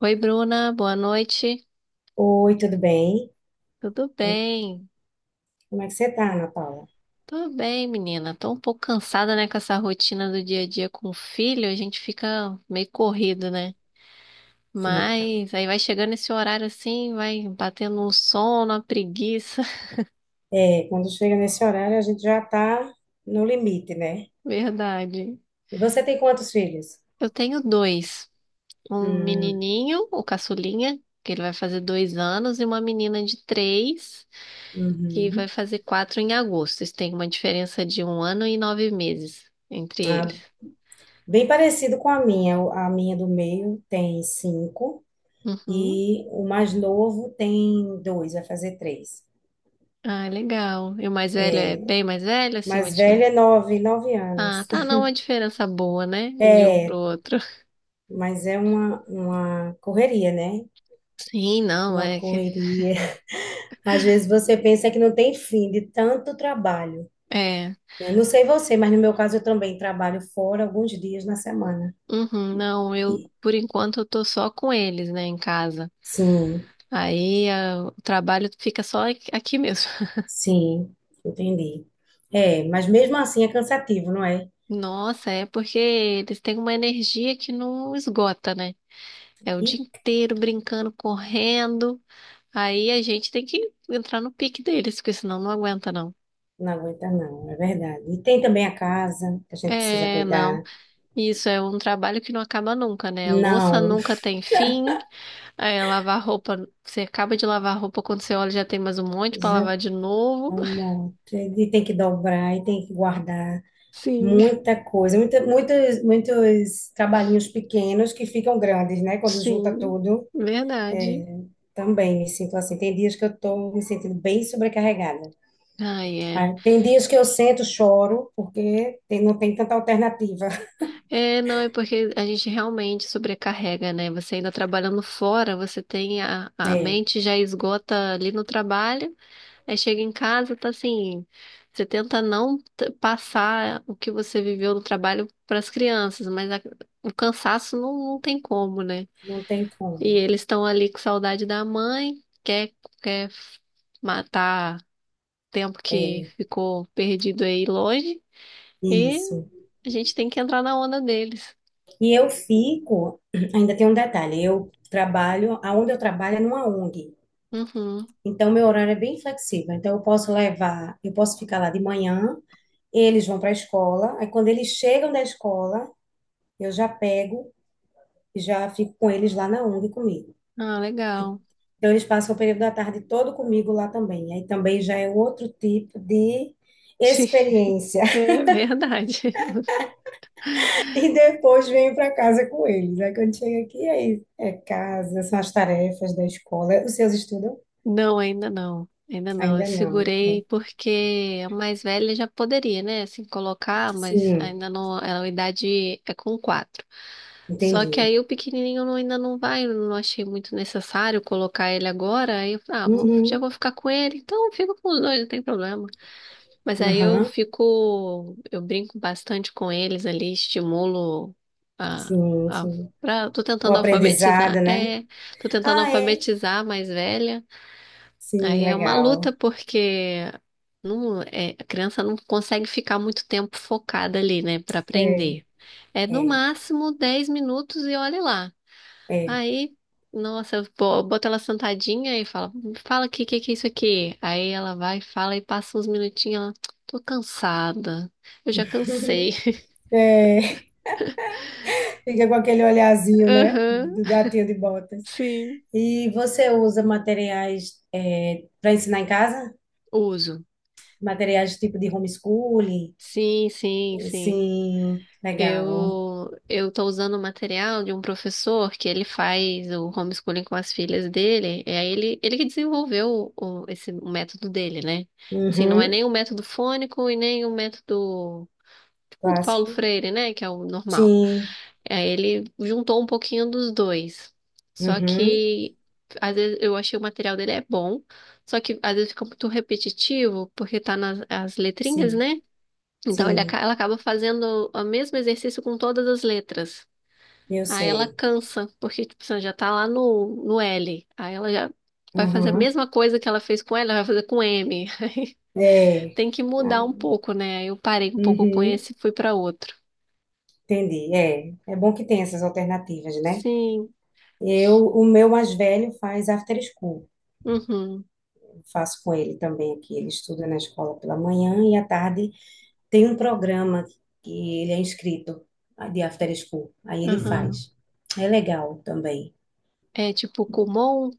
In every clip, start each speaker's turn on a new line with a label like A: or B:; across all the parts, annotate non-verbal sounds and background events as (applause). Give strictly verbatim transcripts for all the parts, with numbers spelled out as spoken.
A: Oi, Bruna, boa noite.
B: Oi, tudo bem?
A: Tudo bem?
B: Como é que você tá, Ana Paula?
A: Tudo bem, menina. Tô um pouco cansada, né, com essa rotina do dia a dia com o filho. A gente fica meio corrido, né?
B: Fica.
A: Mas aí vai chegando esse horário assim, vai batendo um sono, uma preguiça.
B: É, quando chega nesse horário, a gente já tá no limite, né?
A: (laughs) Verdade.
B: E você tem quantos filhos?
A: Eu tenho dois. Um
B: Hum,
A: menininho, o caçulinha, que ele vai fazer dois anos, e uma menina de três, que vai
B: uhum.
A: fazer quatro em agosto. Isso tem uma diferença de um ano e nove meses entre eles.
B: Ah, bem parecido com a minha. O- A minha do meio tem cinco
A: Uhum.
B: e o mais novo tem dois, vai fazer três.
A: Ah, legal. E o mais velho é bem mais velho, assim, uma
B: Mais velha
A: diferença.
B: é nove, nove
A: Ah,
B: anos.
A: tá, não,
B: (laughs)
A: uma diferença boa, né? De um pro
B: É,
A: outro. (laughs)
B: mas é uma, uma correria, né?
A: Sim, não,
B: Uma
A: é que.
B: correria. (laughs) Às vezes você pensa que não tem fim de tanto trabalho.
A: É.
B: Né? Não sei você, mas no meu caso eu também trabalho fora alguns dias na semana.
A: Uhum, não, eu,
B: E-
A: por enquanto, eu tô só com eles, né, em casa.
B: sim,
A: Aí ah, o trabalho fica só aqui aqui mesmo. (laughs)
B: sim, entendi. É, mas mesmo assim é cansativo, não é?
A: Nossa, é porque eles têm uma energia que não esgota, né? É o dia
B: E
A: inteiro brincando, correndo. Aí a gente tem que entrar no pique deles, porque senão não aguenta, não.
B: não aguenta não, é verdade. E tem também a casa que a gente precisa
A: É, não.
B: cuidar.
A: Isso é um trabalho que não acaba nunca, né? A louça
B: Não,
A: nunca tem fim. É, lavar roupa, você acaba de lavar a roupa quando você olha já tem mais um monte para
B: já
A: lavar de novo. (laughs)
B: amor, e tem que dobrar e tem que guardar
A: Sim,
B: muita coisa, muita, muitos, muitos trabalhinhos pequenos que ficam grandes, né? Quando junta
A: sim,
B: tudo.
A: verdade.
B: É, também me sinto assim. Tem dias que eu estou me sentindo bem sobrecarregada.
A: Ai, é.
B: Ah, tem dias que eu sento, choro, porque tem- não tem tanta alternativa. (laughs)
A: É, não, é porque a gente realmente sobrecarrega, né? Você ainda trabalhando fora, você tem a, a
B: É,
A: mente já esgota ali no trabalho. Aí chega em casa, tá assim, você tenta não t- passar o que você viveu no trabalho para as crianças, mas a- o cansaço não, não tem como, né?
B: não tem
A: E
B: como.
A: eles estão ali com saudade da mãe, quer, quer matar tempo que
B: É,
A: ficou perdido aí longe, e
B: isso.
A: a gente tem que entrar na onda deles.
B: E eu fico, (clears throat) ainda tem um detalhe, eu trabalho, aonde eu trabalho é numa O N G.
A: Uhum.
B: Então, meu horário é bem flexível. Então, eu posso levar, eu posso ficar lá de manhã, eles vão para a escola, aí quando eles chegam da escola, eu já pego e já fico com eles lá na O N G comigo.
A: Ah, legal.
B: Então, eles passam o período da tarde todo comigo lá também. Aí também já é outro tipo de
A: (laughs) Sim,
B: experiência. (laughs)
A: é verdade.
B: E depois venho para casa com eles. Aí quando chega aqui, aí é casa, são as tarefas da escola. Os seus estudam?
A: Não, ainda não. Ainda não. Eu
B: Ainda não.
A: segurei
B: Pronto.
A: porque a mais velha já poderia, né? Assim, colocar, mas
B: Sim,
A: ainda não. Ela, a idade é com quatro. Só que
B: entendi.
A: aí o pequenininho não- ainda não vai, eu não achei muito necessário colocar ele agora. Aí eu falei, ah, vou- já
B: Uhum,
A: vou ficar com ele, então fica com os dois, não tem problema. Mas aí eu
B: aham,
A: fico, eu brinco bastante com eles ali, estimulo a,
B: sim,
A: a
B: sim.
A: pra, tô
B: O
A: tentando alfabetizar.
B: aprendizado, né?
A: É, tô tentando
B: Ah, é?
A: alfabetizar a mais velha. Aí
B: Sim,
A: é uma luta
B: legal.
A: porque não, é, a criança não consegue ficar muito tempo focada ali, né, para
B: É,
A: aprender. É no
B: é,
A: máximo dez minutos e olha lá.
B: é.
A: Aí, nossa, eu bo- boto ela sentadinha e fala, fala aqui, o que que é isso aqui? Aí ela vai, fala e passa uns minutinhos, ela, tô cansada, eu já cansei.
B: É, (laughs) fica com aquele
A: (laughs)
B: olhazinho, né?
A: Aham,
B: Do gatinho de botas.
A: sim.
B: E você usa materiais para ensinar em casa?
A: Uso.
B: Materiais tipo de homeschooling?
A: Sim, sim, sim.
B: Sim, legal.
A: Eu eu tô usando o material de um professor que ele faz o homeschooling com as filhas dele. É ele ele que desenvolveu o, esse o método dele, né? Assim, não é
B: Uhum,
A: nem o método fônico e nem o método tipo do Paulo
B: clássico.
A: Freire, né? Que é o normal.
B: Sim,
A: É, ele juntou um pouquinho dos dois. Só
B: uhum,
A: que às vezes eu achei o material dele é bom, só que às vezes fica muito repetitivo porque tá nas as letrinhas,
B: sim,
A: né? Então ele aca-
B: sim,
A: ela acaba fazendo o mesmo exercício com todas as letras.
B: eu
A: Aí ela
B: sei.
A: cansa, porque tipo, você já tá lá no, no L. Aí ela já vai fazer a
B: Uhum,
A: mesma coisa que ela fez com L, ela vai fazer com M. (laughs) Aí
B: é.
A: tem que
B: Ah,
A: mudar um pouco, né? Aí Eu parei um pouco com
B: uhum,
A: esse e fui para outro.
B: entendi. É, é bom que tem essas alternativas, né?
A: Sim.
B: Eu, o meu mais velho faz after school.
A: Uhum.
B: Eu faço com ele também aqui. Ele estuda na escola pela manhã e à tarde. Tem um programa que ele é inscrito, de After School. Aí ele uhum,
A: Aham.
B: faz. É legal também.
A: É tipo Kumon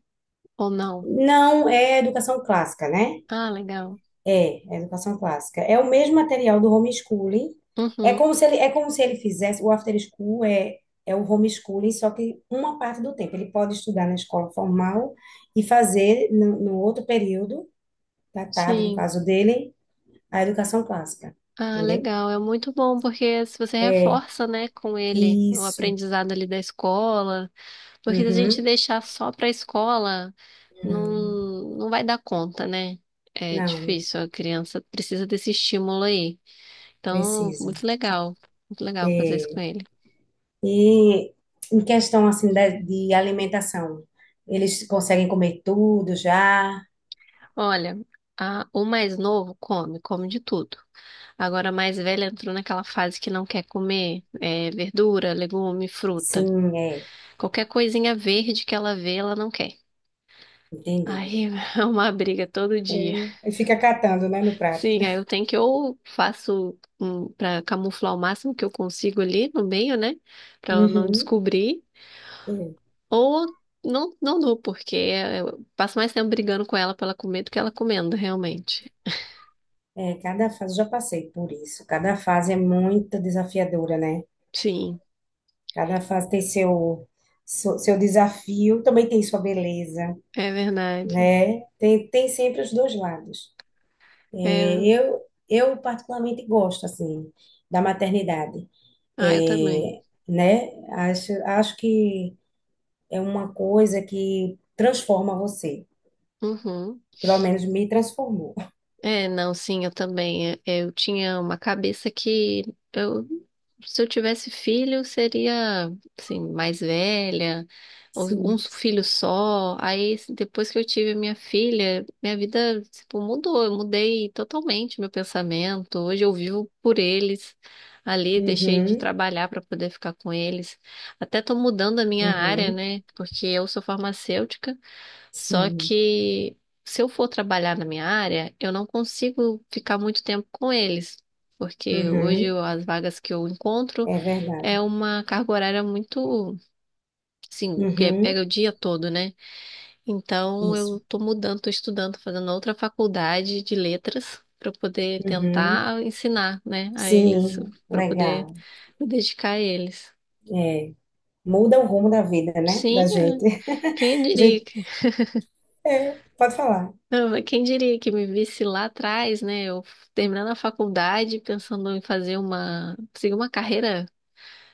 A: ou não?
B: Não é educação clássica, né?
A: Ah, legal.
B: É, é educação clássica. É o mesmo material do homeschooling. É
A: Uhum.
B: como se ele, é como se ele fizesse. O After School é, é o homeschooling, só que uma parte do tempo. Ele pode estudar na escola formal e fazer no, no outro período, da tarde, no
A: Sim.
B: caso dele, a educação clássica.
A: Ah,
B: Entendeu?
A: legal. É muito bom porque se você
B: É.
A: reforça, né, com ele o
B: Isso.
A: aprendizado ali da escola, porque se a gente
B: Uhum.
A: deixar só para a escola, não,
B: Não.
A: não vai dar conta, né? É
B: Não.
A: difícil, a criança precisa desse estímulo aí. Então,
B: Precisa.
A: muito legal. Muito legal fazer isso
B: É.
A: com ele.
B: E em questão assim de, de alimentação, eles conseguem comer tudo já?
A: Olha, a- o mais novo come, come de tudo. Agora, a mais velha entrou naquela fase que não quer comer, é, verdura, legume, fruta.
B: Sim, é.
A: Qualquer coisinha verde que ela vê, ela não quer.
B: Entendi.
A: Aí (laughs) é uma briga todo
B: E
A: dia.
B: e fica catando, né, no prato.
A: Sim, aí eu tenho que ou faço um, para camuflar o máximo que eu consigo ali no meio, né? Pra ela não
B: Uhum.
A: descobrir,
B: É,
A: ou não, não dou, porque é, eu passo mais tempo brigando com ela pra ela comer do que ela comendo, realmente.
B: é, cada fase, já passei por isso. Cada fase é muito desafiadora, né?
A: Sim,
B: Cada fase tem seu, seu, seu desafio, também tem sua beleza,
A: é verdade.
B: né? Tem, tem sempre os dois lados. É,
A: É,
B: eu, eu particularmente gosto, assim, da maternidade.
A: ah, eu também.
B: É, né? Acho, acho que é uma coisa que transforma você.
A: Uhum.
B: Pelo menos me transformou. (laughs)
A: É, não, sim, eu também. É, Eu tinha uma cabeça que eu, se eu tivesse filho, seria assim, mais velha, ou um
B: Sim.
A: filho só. Aí, assim, depois que eu tive minha filha, minha vida, tipo, mudou. Eu mudei totalmente meu pensamento. Hoje eu vivo por eles ali, deixei de
B: Uhum,
A: trabalhar para poder ficar com eles. Até tô mudando a minha área,
B: uhum,
A: né? Porque eu sou farmacêutica. Só
B: sim.
A: que se eu for trabalhar na minha área, eu não consigo ficar muito tempo com eles, porque hoje
B: Uhum,
A: eu- as vagas que eu encontro
B: é
A: é
B: verdade.
A: uma carga horária muito, assim, que é, pega
B: Uhum,
A: o dia todo, né? Então
B: isso.
A: eu tô mudando, tô estudando, fazendo outra faculdade de letras para poder
B: Uhum,
A: tentar ensinar, né, a eles,
B: sim,
A: para poder
B: legal.
A: me dedicar a eles.
B: É, muda o rumo da vida, né? Da
A: Sim, é.
B: gente.
A: quem
B: (laughs) A
A: diria?
B: gente, é, pode falar.
A: Não, mas quem diria que me visse lá atrás, né? Eu terminando a faculdade, pensando em fazer uma, seguir uma carreira,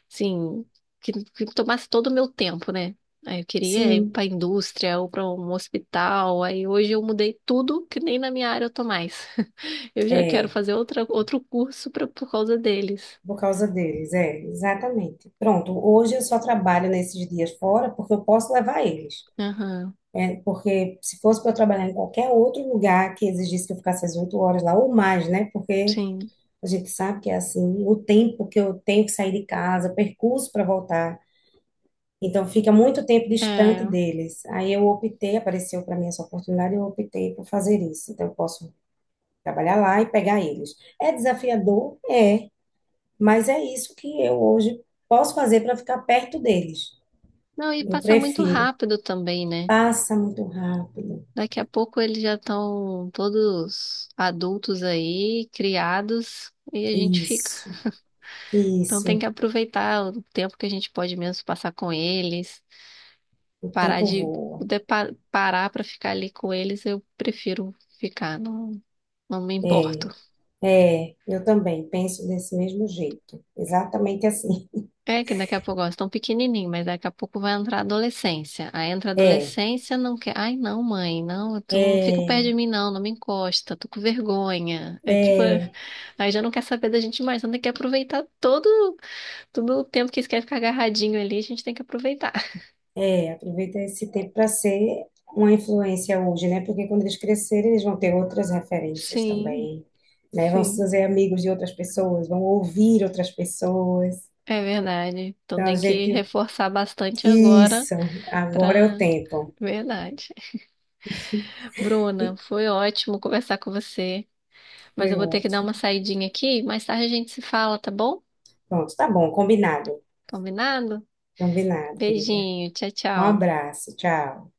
A: assim, que, que tomasse todo o meu tempo, né? Aí eu queria ir
B: Sim,
A: para a indústria ou para um hospital. Aí hoje eu mudei tudo, que nem na minha área eu tô mais. (laughs) Eu já quero
B: é.
A: fazer outra, outro curso pra, por causa deles.
B: Por causa deles, é, exatamente. Pronto, hoje eu só trabalho nesses dias fora porque eu posso levar eles.
A: Aham,
B: É, porque se fosse para eu trabalhar em qualquer outro lugar que exigisse que eu ficasse as oito horas lá ou mais, né? Porque
A: sim.
B: a gente sabe que é assim, o tempo que eu tenho que sair de casa, o percurso para voltar, então fica muito tempo distante
A: É.
B: deles. Aí eu optei, apareceu para mim essa oportunidade, eu optei por fazer isso. Então eu posso trabalhar lá e pegar eles. É desafiador? É, mas é isso que eu hoje posso fazer para ficar perto deles.
A: Não, e
B: Eu
A: passa muito
B: prefiro.
A: rápido também, né?
B: Passa muito rápido.
A: Daqui a pouco eles já estão todos adultos aí, criados, e a gente fica.
B: Isso,
A: Então tem que
B: isso.
A: aproveitar o tempo que a gente pode mesmo passar com eles,
B: O
A: parar
B: tempo
A: de,
B: voa.
A: de pa- parar para ficar ali com eles, eu prefiro ficar, não, não me importo.
B: É, é, eu também penso desse mesmo jeito. Exatamente assim.
A: É que daqui a pouco, ó, estão pequenininho, mas daqui a pouco vai entrar a adolescência. Aí entra a
B: É,
A: adolescência, não quer. Ai, não, mãe, não, tu não fica perto
B: é,
A: de mim, não, não me encosta, tô com vergonha. É tipo,
B: é,
A: (laughs) aí já não quer saber da gente mais, então tem que aproveitar todo, todo o tempo que eles querem ficar agarradinho ali, a gente tem que aproveitar. (laughs)
B: é. Aproveita esse tempo para ser uma influência hoje, né? Porque quando eles crescerem, eles vão ter outras referências
A: Sim,
B: também, né? Vão se
A: sim,
B: fazer amigos de outras pessoas, vão ouvir outras pessoas.
A: é verdade. Então
B: Então, a
A: tem que
B: gente.
A: reforçar bastante agora
B: Isso, agora é o
A: pra.
B: tempo.
A: Verdade. Bruna,
B: E
A: foi ótimo conversar com você. Mas
B: foi
A: eu vou ter que dar uma
B: ótimo.
A: saidinha aqui. Mais tarde a gente se fala, tá bom?
B: Pronto, tá bom, combinado.
A: Combinado?
B: Combinado, querida.
A: Beijinho, tchau,
B: Um
A: tchau.
B: abraço, tchau.